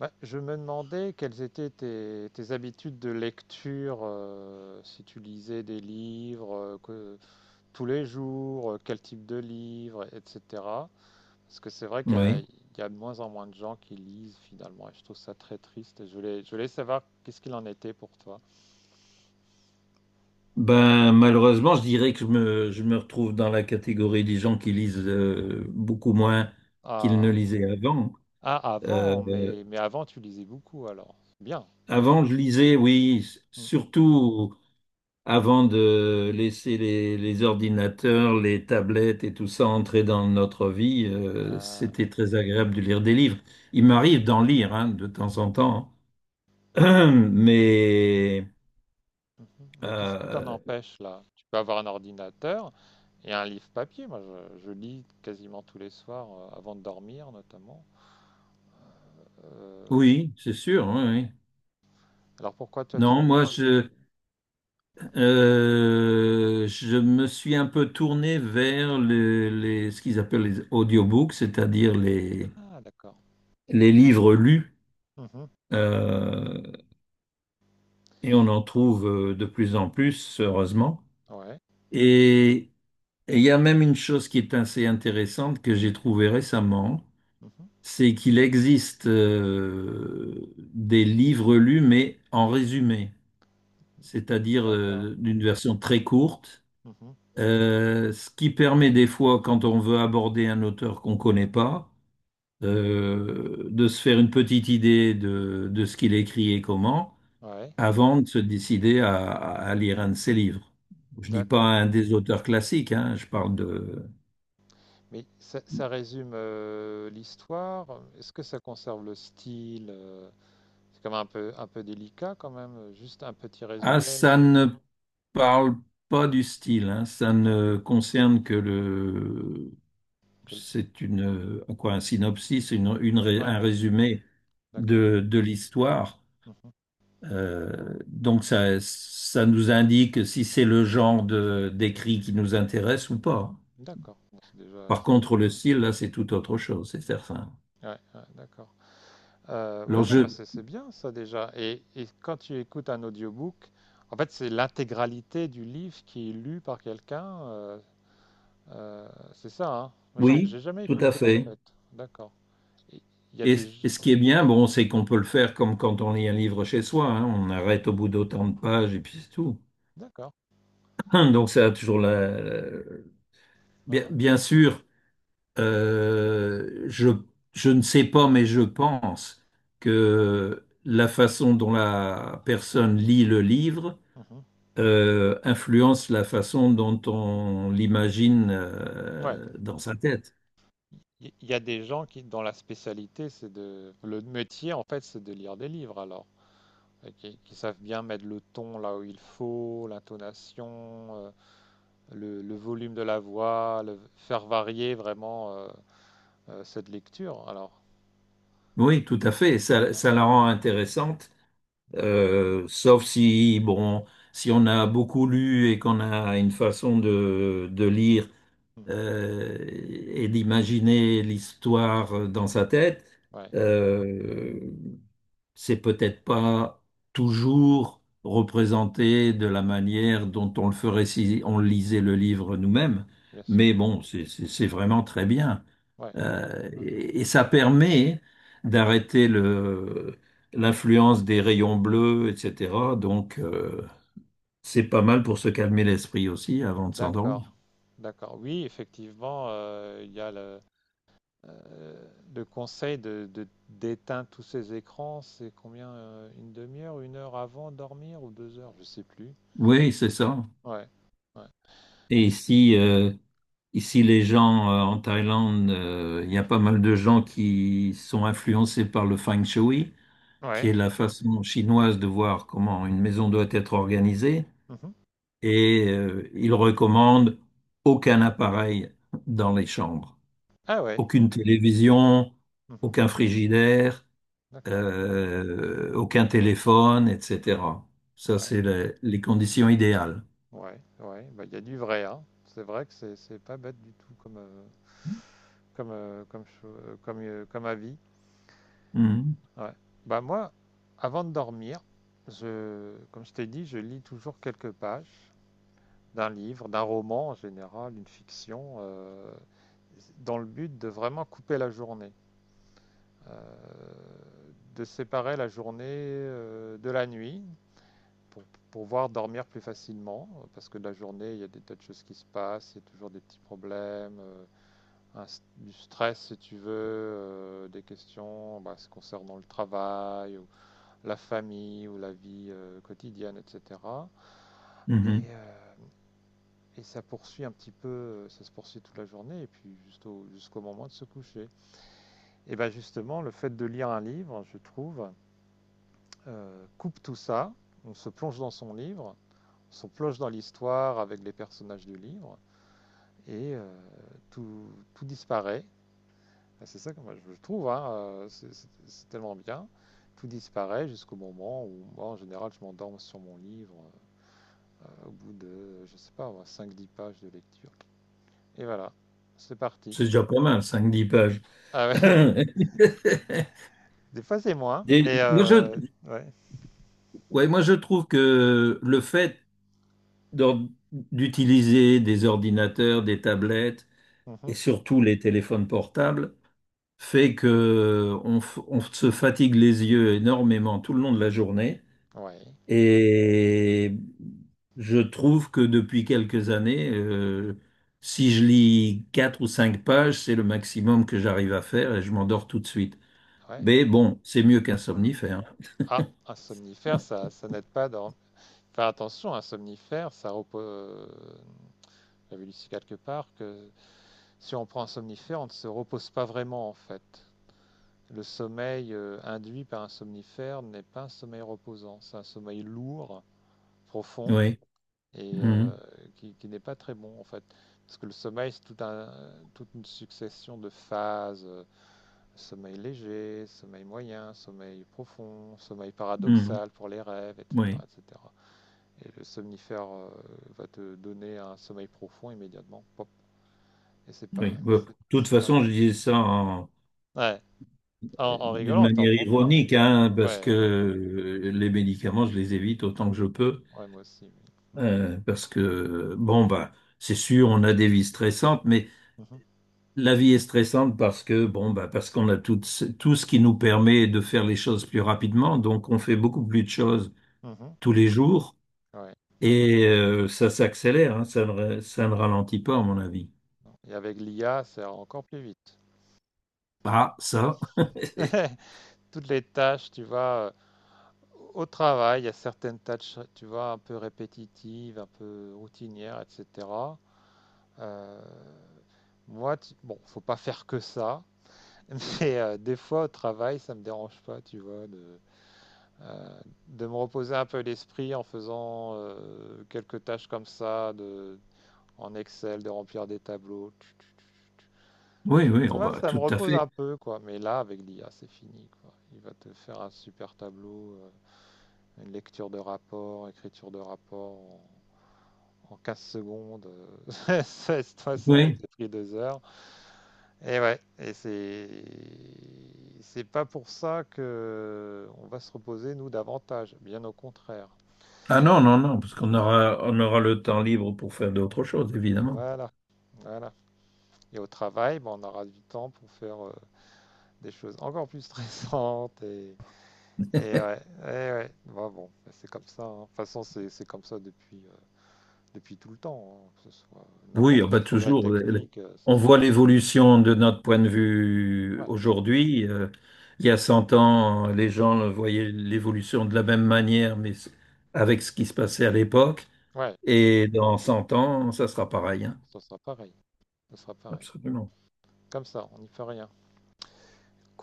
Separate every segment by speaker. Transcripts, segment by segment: Speaker 1: Bah, je me demandais quelles étaient tes habitudes de lecture, si tu lisais des livres tous les jours, quel type de livre, etc. Parce que c'est vrai qu'il y a,
Speaker 2: Oui.
Speaker 1: il y a de moins en moins de gens qui lisent finalement, et je trouve ça très triste. Et je voulais savoir qu'est-ce qu'il en était pour toi.
Speaker 2: Malheureusement, je dirais que je me retrouve dans la catégorie des gens qui lisent beaucoup moins qu'ils ne
Speaker 1: Ah,
Speaker 2: lisaient avant.
Speaker 1: ah, avant,
Speaker 2: Euh,
Speaker 1: mais avant tu lisais beaucoup alors. Bien.
Speaker 2: Avant, je lisais, oui,
Speaker 1: Mm.
Speaker 2: surtout avant de laisser les ordinateurs, les tablettes et tout ça entrer dans notre vie.
Speaker 1: Ah,
Speaker 2: C'était très agréable de lire des livres. Il
Speaker 1: mhm.
Speaker 2: m'arrive d'en lire hein, de temps en temps, hein. Mais
Speaker 1: Mhm. Mais qu'est-ce qui t'en
Speaker 2: euh,
Speaker 1: empêche là? Tu peux avoir un ordinateur et un livre papier. Moi, je lis quasiment tous les soirs avant de dormir, notamment. Euh,
Speaker 2: oui, c'est sûr. Oui. Oui.
Speaker 1: alors pourquoi toi
Speaker 2: Non,
Speaker 1: tu,
Speaker 2: moi,
Speaker 1: tu-
Speaker 2: je, Euh, je me suis un peu tourné vers ce qu'ils appellent les audiobooks, c'est-à-dire
Speaker 1: Ah, d'accord.
Speaker 2: les livres lus,
Speaker 1: Mhm.
Speaker 2: euh, et on en trouve de plus en plus, heureusement.
Speaker 1: Ouais.
Speaker 2: Et et il y a même une chose qui est assez intéressante que j'ai trouvée récemment,
Speaker 1: Mhm.
Speaker 2: c'est qu'il existe des livres lus, mais en résumé, c'est-à-dire
Speaker 1: D'accord.
Speaker 2: d'une version très courte.
Speaker 1: Mhm.
Speaker 2: Ce qui permet des fois, quand on veut aborder un auteur qu'on ne connaît pas, de se faire une petite idée de ce qu'il écrit et comment,
Speaker 1: Ouais.
Speaker 2: avant de se décider à lire un de ses livres. Je dis pas
Speaker 1: D'accord.
Speaker 2: un des auteurs classiques, hein, je parle
Speaker 1: Mhm.
Speaker 2: de...
Speaker 1: Mais ça résume l'histoire. Est-ce que ça conserve le style? C'est quand même un peu, délicat quand même. Juste un petit
Speaker 2: Ah,
Speaker 1: résumé.
Speaker 2: ça
Speaker 1: c'est-
Speaker 2: ne parle pas du style, hein, ça
Speaker 1: Ouais.
Speaker 2: ne concerne que le...
Speaker 1: Que le-
Speaker 2: C'est une... Quoi, un synopsis,
Speaker 1: Ouais.
Speaker 2: un résumé
Speaker 1: D'accord.
Speaker 2: de l'histoire.
Speaker 1: Mhm.
Speaker 2: Donc ça nous indique si c'est le genre de d'écrit qui nous intéresse ou pas.
Speaker 1: D'accord, bon, c'est déjà,
Speaker 2: Par
Speaker 1: c'est
Speaker 2: contre,
Speaker 1: déjà
Speaker 2: le
Speaker 1: bien.
Speaker 2: style, là, c'est tout autre chose, c'est certain.
Speaker 1: Ouais, ouais, d'accord. Ouais,
Speaker 2: Alors
Speaker 1: non, mais
Speaker 2: je,
Speaker 1: c'est bien ça déjà. Et quand tu écoutes un audiobook, en fait, c'est l'intégralité du livre qui est lu par quelqu'un. Euh, c'est ça, hein. Moi, J'ai
Speaker 2: oui,
Speaker 1: j'ai jamais
Speaker 2: tout à
Speaker 1: écouté en
Speaker 2: fait.
Speaker 1: fait. D'accord. Et Il y a
Speaker 2: Et,
Speaker 1: des.
Speaker 2: et
Speaker 1: G-
Speaker 2: ce qui est bien, bon, c'est qu'on peut le faire comme quand on lit un livre chez soi. Hein. On arrête au bout d'autant de pages et puis c'est tout.
Speaker 1: D'accord.
Speaker 2: Donc ça a toujours la... Bien,
Speaker 1: Uhum,
Speaker 2: bien sûr. Euh, je, je ne sais pas, mais je pense que la façon dont la personne lit le livre
Speaker 1: uhum.
Speaker 2: influence la façon dont on l'imagine
Speaker 1: Ouais.
Speaker 2: dans sa tête.
Speaker 1: Il y a des gens qui, dont la spécialité, c'est de. Le métier, en fait, c'est de lire des livres alors. Et qui savent bien mettre le ton là où il faut, l'intonation, le volume de la voix, faire varier vraiment cette lecture. Alors,
Speaker 2: Oui, tout à fait.
Speaker 1: ah,
Speaker 2: Ça,
Speaker 1: ah,
Speaker 2: ça la rend intéressante,
Speaker 1: d'accord.
Speaker 2: sauf si, bon, si on a beaucoup lu et qu'on a une façon de lire
Speaker 1: Mhm.
Speaker 2: euh, et d'imaginer l'histoire dans sa tête.
Speaker 1: Ouais,
Speaker 2: Euh, c'est peut-être pas toujours représenté de la manière dont on le ferait si on lisait le livre nous-mêmes,
Speaker 1: bien sûr.
Speaker 2: mais bon, c'est vraiment très bien.
Speaker 1: Ouais. Euh,
Speaker 2: Et ça permet d'arrêter l'influence des rayons bleus, etc. Donc, c'est pas mal pour se calmer l'esprit aussi avant de
Speaker 1: d'accord.
Speaker 2: s'endormir.
Speaker 1: D'accord. Oui, effectivement, il y a euh, le conseil d'éteindre tous ces écrans. C'est combien? Une demi-heure, 1 heure avant de dormir ou 2 heures? Je sais plus.
Speaker 2: Oui, c'est ça.
Speaker 1: Ouais. Ouais.
Speaker 2: Et si Ici, les gens en Thaïlande, il y a pas mal de gens qui sont influencés par le Feng Shui, qui est
Speaker 1: Ouais.
Speaker 2: la façon chinoise de voir comment une maison doit être organisée.
Speaker 1: Mhm.
Speaker 2: Et ils recommandent aucun appareil dans les chambres,
Speaker 1: Ah ouais.
Speaker 2: aucune télévision,
Speaker 1: Mhm.
Speaker 2: aucun frigidaire,
Speaker 1: D'accord.
Speaker 2: aucun téléphone, etc. Ça,
Speaker 1: Ouais.
Speaker 2: c'est les conditions idéales.
Speaker 1: Ouais, ouais, bah il y a du vrai, hein. C'est vrai que c'est pas bête du tout comme comme avis.
Speaker 2: Mhm.
Speaker 1: Ouais. Bah moi, avant de dormir, je, comme je t'ai dit, je lis toujours quelques pages d'un livre, d'un roman en général, une fiction, dans le but de vraiment couper la journée, euh, de séparer la journée de la nuit, pour pouvoir dormir plus facilement, parce que la journée, il y a des tas de choses qui se passent, il y a toujours des petits problèmes, un du stress si tu veux, des questions bah, se concernant le travail, ou la famille, ou la vie quotidienne, etc. Et,
Speaker 2: Mhm.
Speaker 1: euh, et ça poursuit un petit peu, ça se poursuit toute la journée, et puis jusqu'au moment de se coucher. Et bien justement, le fait de lire un livre, je trouve, coupe tout ça, on se plonge dans son livre, se plonge dans l'histoire avec les personnages du livre et tout, tout, disparaît. Ah, c'est ça que moi je trouve, hein, c'est tellement bien. Tout disparaît jusqu'au moment où moi en général je m'endorme sur mon livre au bout de, je sais pas, 5-10 pages de lecture. Et voilà, c'est parti.
Speaker 2: C'est déjà pas mal, cinq dix pages.
Speaker 1: Ah ouais, des fois c'est moins,
Speaker 2: Des-
Speaker 1: mais
Speaker 2: moi, je,
Speaker 1: ouais.
Speaker 2: ouais, moi, je trouve que le fait d'utiliser des ordinateurs, des tablettes et
Speaker 1: Mmh.
Speaker 2: surtout les téléphones portables fait que on se fatigue les yeux énormément tout le long de la journée.
Speaker 1: Ouais,
Speaker 2: Et je trouve que depuis quelques années, si je lis quatre ou cinq pages, c'est le maximum que j'arrive à faire et je m'endors tout de suite.
Speaker 1: ouais.
Speaker 2: Mais bon, c'est mieux qu'un somnifère.
Speaker 1: Ah, un somnifère, ça n'aide pas dans. Faire attention, un somnifère, ça repose. J'avais lu quelque part que si on prend un somnifère, on ne se repose pas vraiment en fait. Le sommeil induit par un somnifère n'est pas un sommeil reposant, c'est un sommeil lourd, profond
Speaker 2: Oui.
Speaker 1: et euh,
Speaker 2: Mhm.
Speaker 1: qui, qui n'est pas très bon en fait. Parce que le sommeil, c'est tout un, toute une succession de phases. Sommeil léger, sommeil moyen, sommeil profond, sommeil
Speaker 2: Mhm.
Speaker 1: paradoxal pour les rêves, etc.
Speaker 2: Oui.
Speaker 1: etc. Et cetera. Et le somnifère va te donner un sommeil profond immédiatement. Et c'est
Speaker 2: Oui.
Speaker 1: pas,
Speaker 2: Bon, de
Speaker 1: c'est
Speaker 2: toute
Speaker 1: c'est pas bon.
Speaker 2: façon, je disais ça en-
Speaker 1: Ouais. En
Speaker 2: d'une
Speaker 1: rigolant, t'en
Speaker 2: manière
Speaker 1: prends pas.
Speaker 2: ironique, hein, parce que
Speaker 1: Ouais, ouais,
Speaker 2: les médicaments, je les évite autant que je peux,
Speaker 1: ouais, moi aussi. Oui. Mm.
Speaker 2: parce que, bon, bah, c'est sûr, on a des vies stressantes, mais
Speaker 1: Mhm.
Speaker 2: la vie est stressante parce que, bon, bah, parce qu'on a tout, tout ce qui nous permet de faire les choses plus rapidement, donc on fait beaucoup plus de choses
Speaker 1: Mhm.
Speaker 2: tous les jours,
Speaker 1: Ouais.
Speaker 2: et ça s'accélère, hein, ça ne ralentit pas, à mon avis.
Speaker 1: Et avec l'IA, c'est encore plus vite.
Speaker 2: Ah, ça.
Speaker 1: Toutes les tâches, tu vois, au travail, il y a certaines tâches, tu vois, un peu répétitives, un peu routinières, etc. Euh, moi, bon, faut pas faire que ça, mais des fois au travail, ça me dérange pas, tu vois, euh, de me reposer un peu l'esprit en faisant quelques tâches comme ça, en Excel, de remplir des tableaux. Tch, tch, tch,
Speaker 2: Oui, oui,
Speaker 1: tch.
Speaker 2: oh,
Speaker 1: Ouais,
Speaker 2: bah,
Speaker 1: ça me
Speaker 2: tout à
Speaker 1: repose un
Speaker 2: fait.
Speaker 1: peu, quoi. Mais là, avec l'IA, c'est fini, quoi. Il va te faire un super tableau, une lecture de rapport, écriture de rapport en 15 secondes. Ça aurait
Speaker 2: Oui.
Speaker 1: été pris 2 heures. Et ouais, et c'est pas pour ça que on va se reposer, nous, davantage. Bien au contraire.
Speaker 2: Ah non, non, non, parce qu'on aura le temps libre pour faire d'autres choses, évidemment.
Speaker 1: Voilà, voilà. Et au travail, bah, on aura du temps pour faire des choses encore plus stressantes. Et ouais, et ouais. Bah, bon, ben, c'est comme ça. Hein. De toute façon, c'est comme ça depuis tout le temps. Hein. Que ce soit
Speaker 2: Oui,
Speaker 1: n'importe
Speaker 2: ah
Speaker 1: quel
Speaker 2: bah
Speaker 1: progrès
Speaker 2: toujours.
Speaker 1: technique, c'est
Speaker 2: On
Speaker 1: ça.
Speaker 2: voit l'évolution de notre point de vue
Speaker 1: Ouais.
Speaker 2: aujourd'hui. Il y a 100 ans, les
Speaker 1: Hmm.
Speaker 2: gens voyaient l'évolution de la même manière, mais avec ce qui se passait à l'époque.
Speaker 1: Ouais,
Speaker 2: Et dans 100 ans, ça sera pareil, hein.
Speaker 1: ça sera pareil. Ça sera pareil.
Speaker 2: Absolument.
Speaker 1: Comme ça, on n'y peut rien.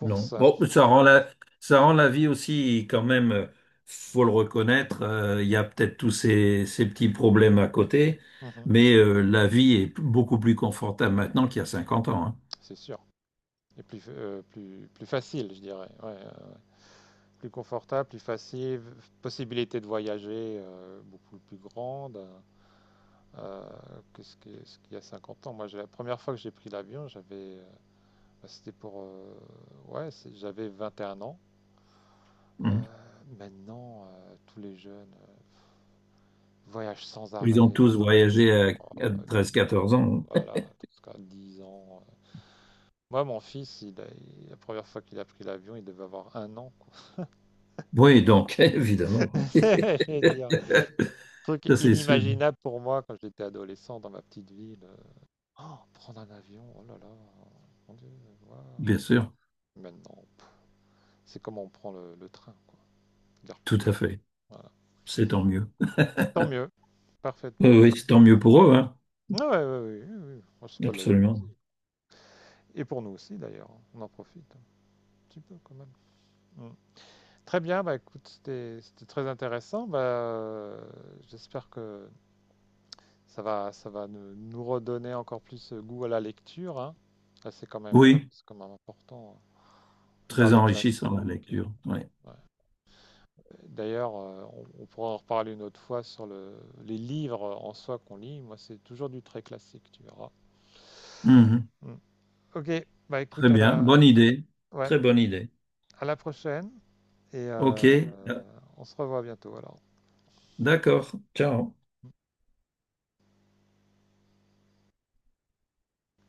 Speaker 2: Non. Bon,
Speaker 1: c'est toujours la course.
Speaker 2: ça rend la vie aussi quand même, faut le reconnaître, il y a peut-être tous ces petits problèmes à côté,
Speaker 1: Mhm.
Speaker 2: mais la vie est beaucoup plus confortable maintenant qu'il y a 50 ans. Hein.
Speaker 1: C'est sûr. Et plus facile, je dirais. Ouais, plus confortable, plus facile, possibilité de voyager beaucoup plus grande euh, que ce qu'il y a 50 ans. Moi, la première fois que j'ai pris l'avion, j'avais, bah, c'était pour, ouais, j'avais 21 ans.
Speaker 2: Mhm.
Speaker 1: Maintenant, tous les jeunes voyagent sans
Speaker 2: Ils ont
Speaker 1: arrêt,
Speaker 2: tous
Speaker 1: sans arrêt.
Speaker 2: voyagé à
Speaker 1: Oh,
Speaker 2: 13-14 ans.
Speaker 1: voilà, jusqu'à 10 ans. Moi, mon fils, la première fois qu'il a pris l'avion, il devait avoir 1 an, quoi.
Speaker 2: Oui, donc, évidemment. Hein.
Speaker 1: Je veux dire, truc
Speaker 2: Ça, c'est sûr.
Speaker 1: inimaginable pour moi quand j'étais adolescent dans ma petite ville. Oh, prendre un avion, oh là là, mon Dieu, waouh.
Speaker 2: Bien sûr.
Speaker 1: Maintenant, pff, c'est comme on prend le train, quoi. Gare plus.
Speaker 2: Tout à fait.
Speaker 1: Voilà.
Speaker 2: C'est tant mieux.
Speaker 1: Tant mieux, parfaitement.
Speaker 2: Oui, c'est tant mieux pour eux, hein.
Speaker 1: Ouais, ouais, ouais, oui, oui, oh, c'est pas de la
Speaker 2: Absolument.
Speaker 1: jalousie. Et pour nous aussi d'ailleurs, hein, on en profite un petit peu quand même. Mm. Très bien, bah écoute, c'était très intéressant. Bah, j'espère que ça va nous redonner encore plus goût à la lecture, hein. Là, c'est quand même, euh,
Speaker 2: Oui,
Speaker 1: c'est quand même important. Hein. Lire
Speaker 2: très
Speaker 1: les
Speaker 2: enrichissant la
Speaker 1: classiques.
Speaker 2: lecture. Oui.
Speaker 1: Ouais. D'ailleurs, on pourra en reparler une autre fois sur les livres en soi qu'on lit. Moi, c'est toujours du très classique, tu verras.
Speaker 2: Mhm.
Speaker 1: Mm. Ok, bah
Speaker 2: Très
Speaker 1: écoute, à
Speaker 2: bien.
Speaker 1: la,
Speaker 2: Bonne idée.
Speaker 1: ouais,
Speaker 2: Très bonne idée.
Speaker 1: à la prochaine et
Speaker 2: Ok,
Speaker 1: on se revoit bientôt alors.
Speaker 2: d'accord. Ciao.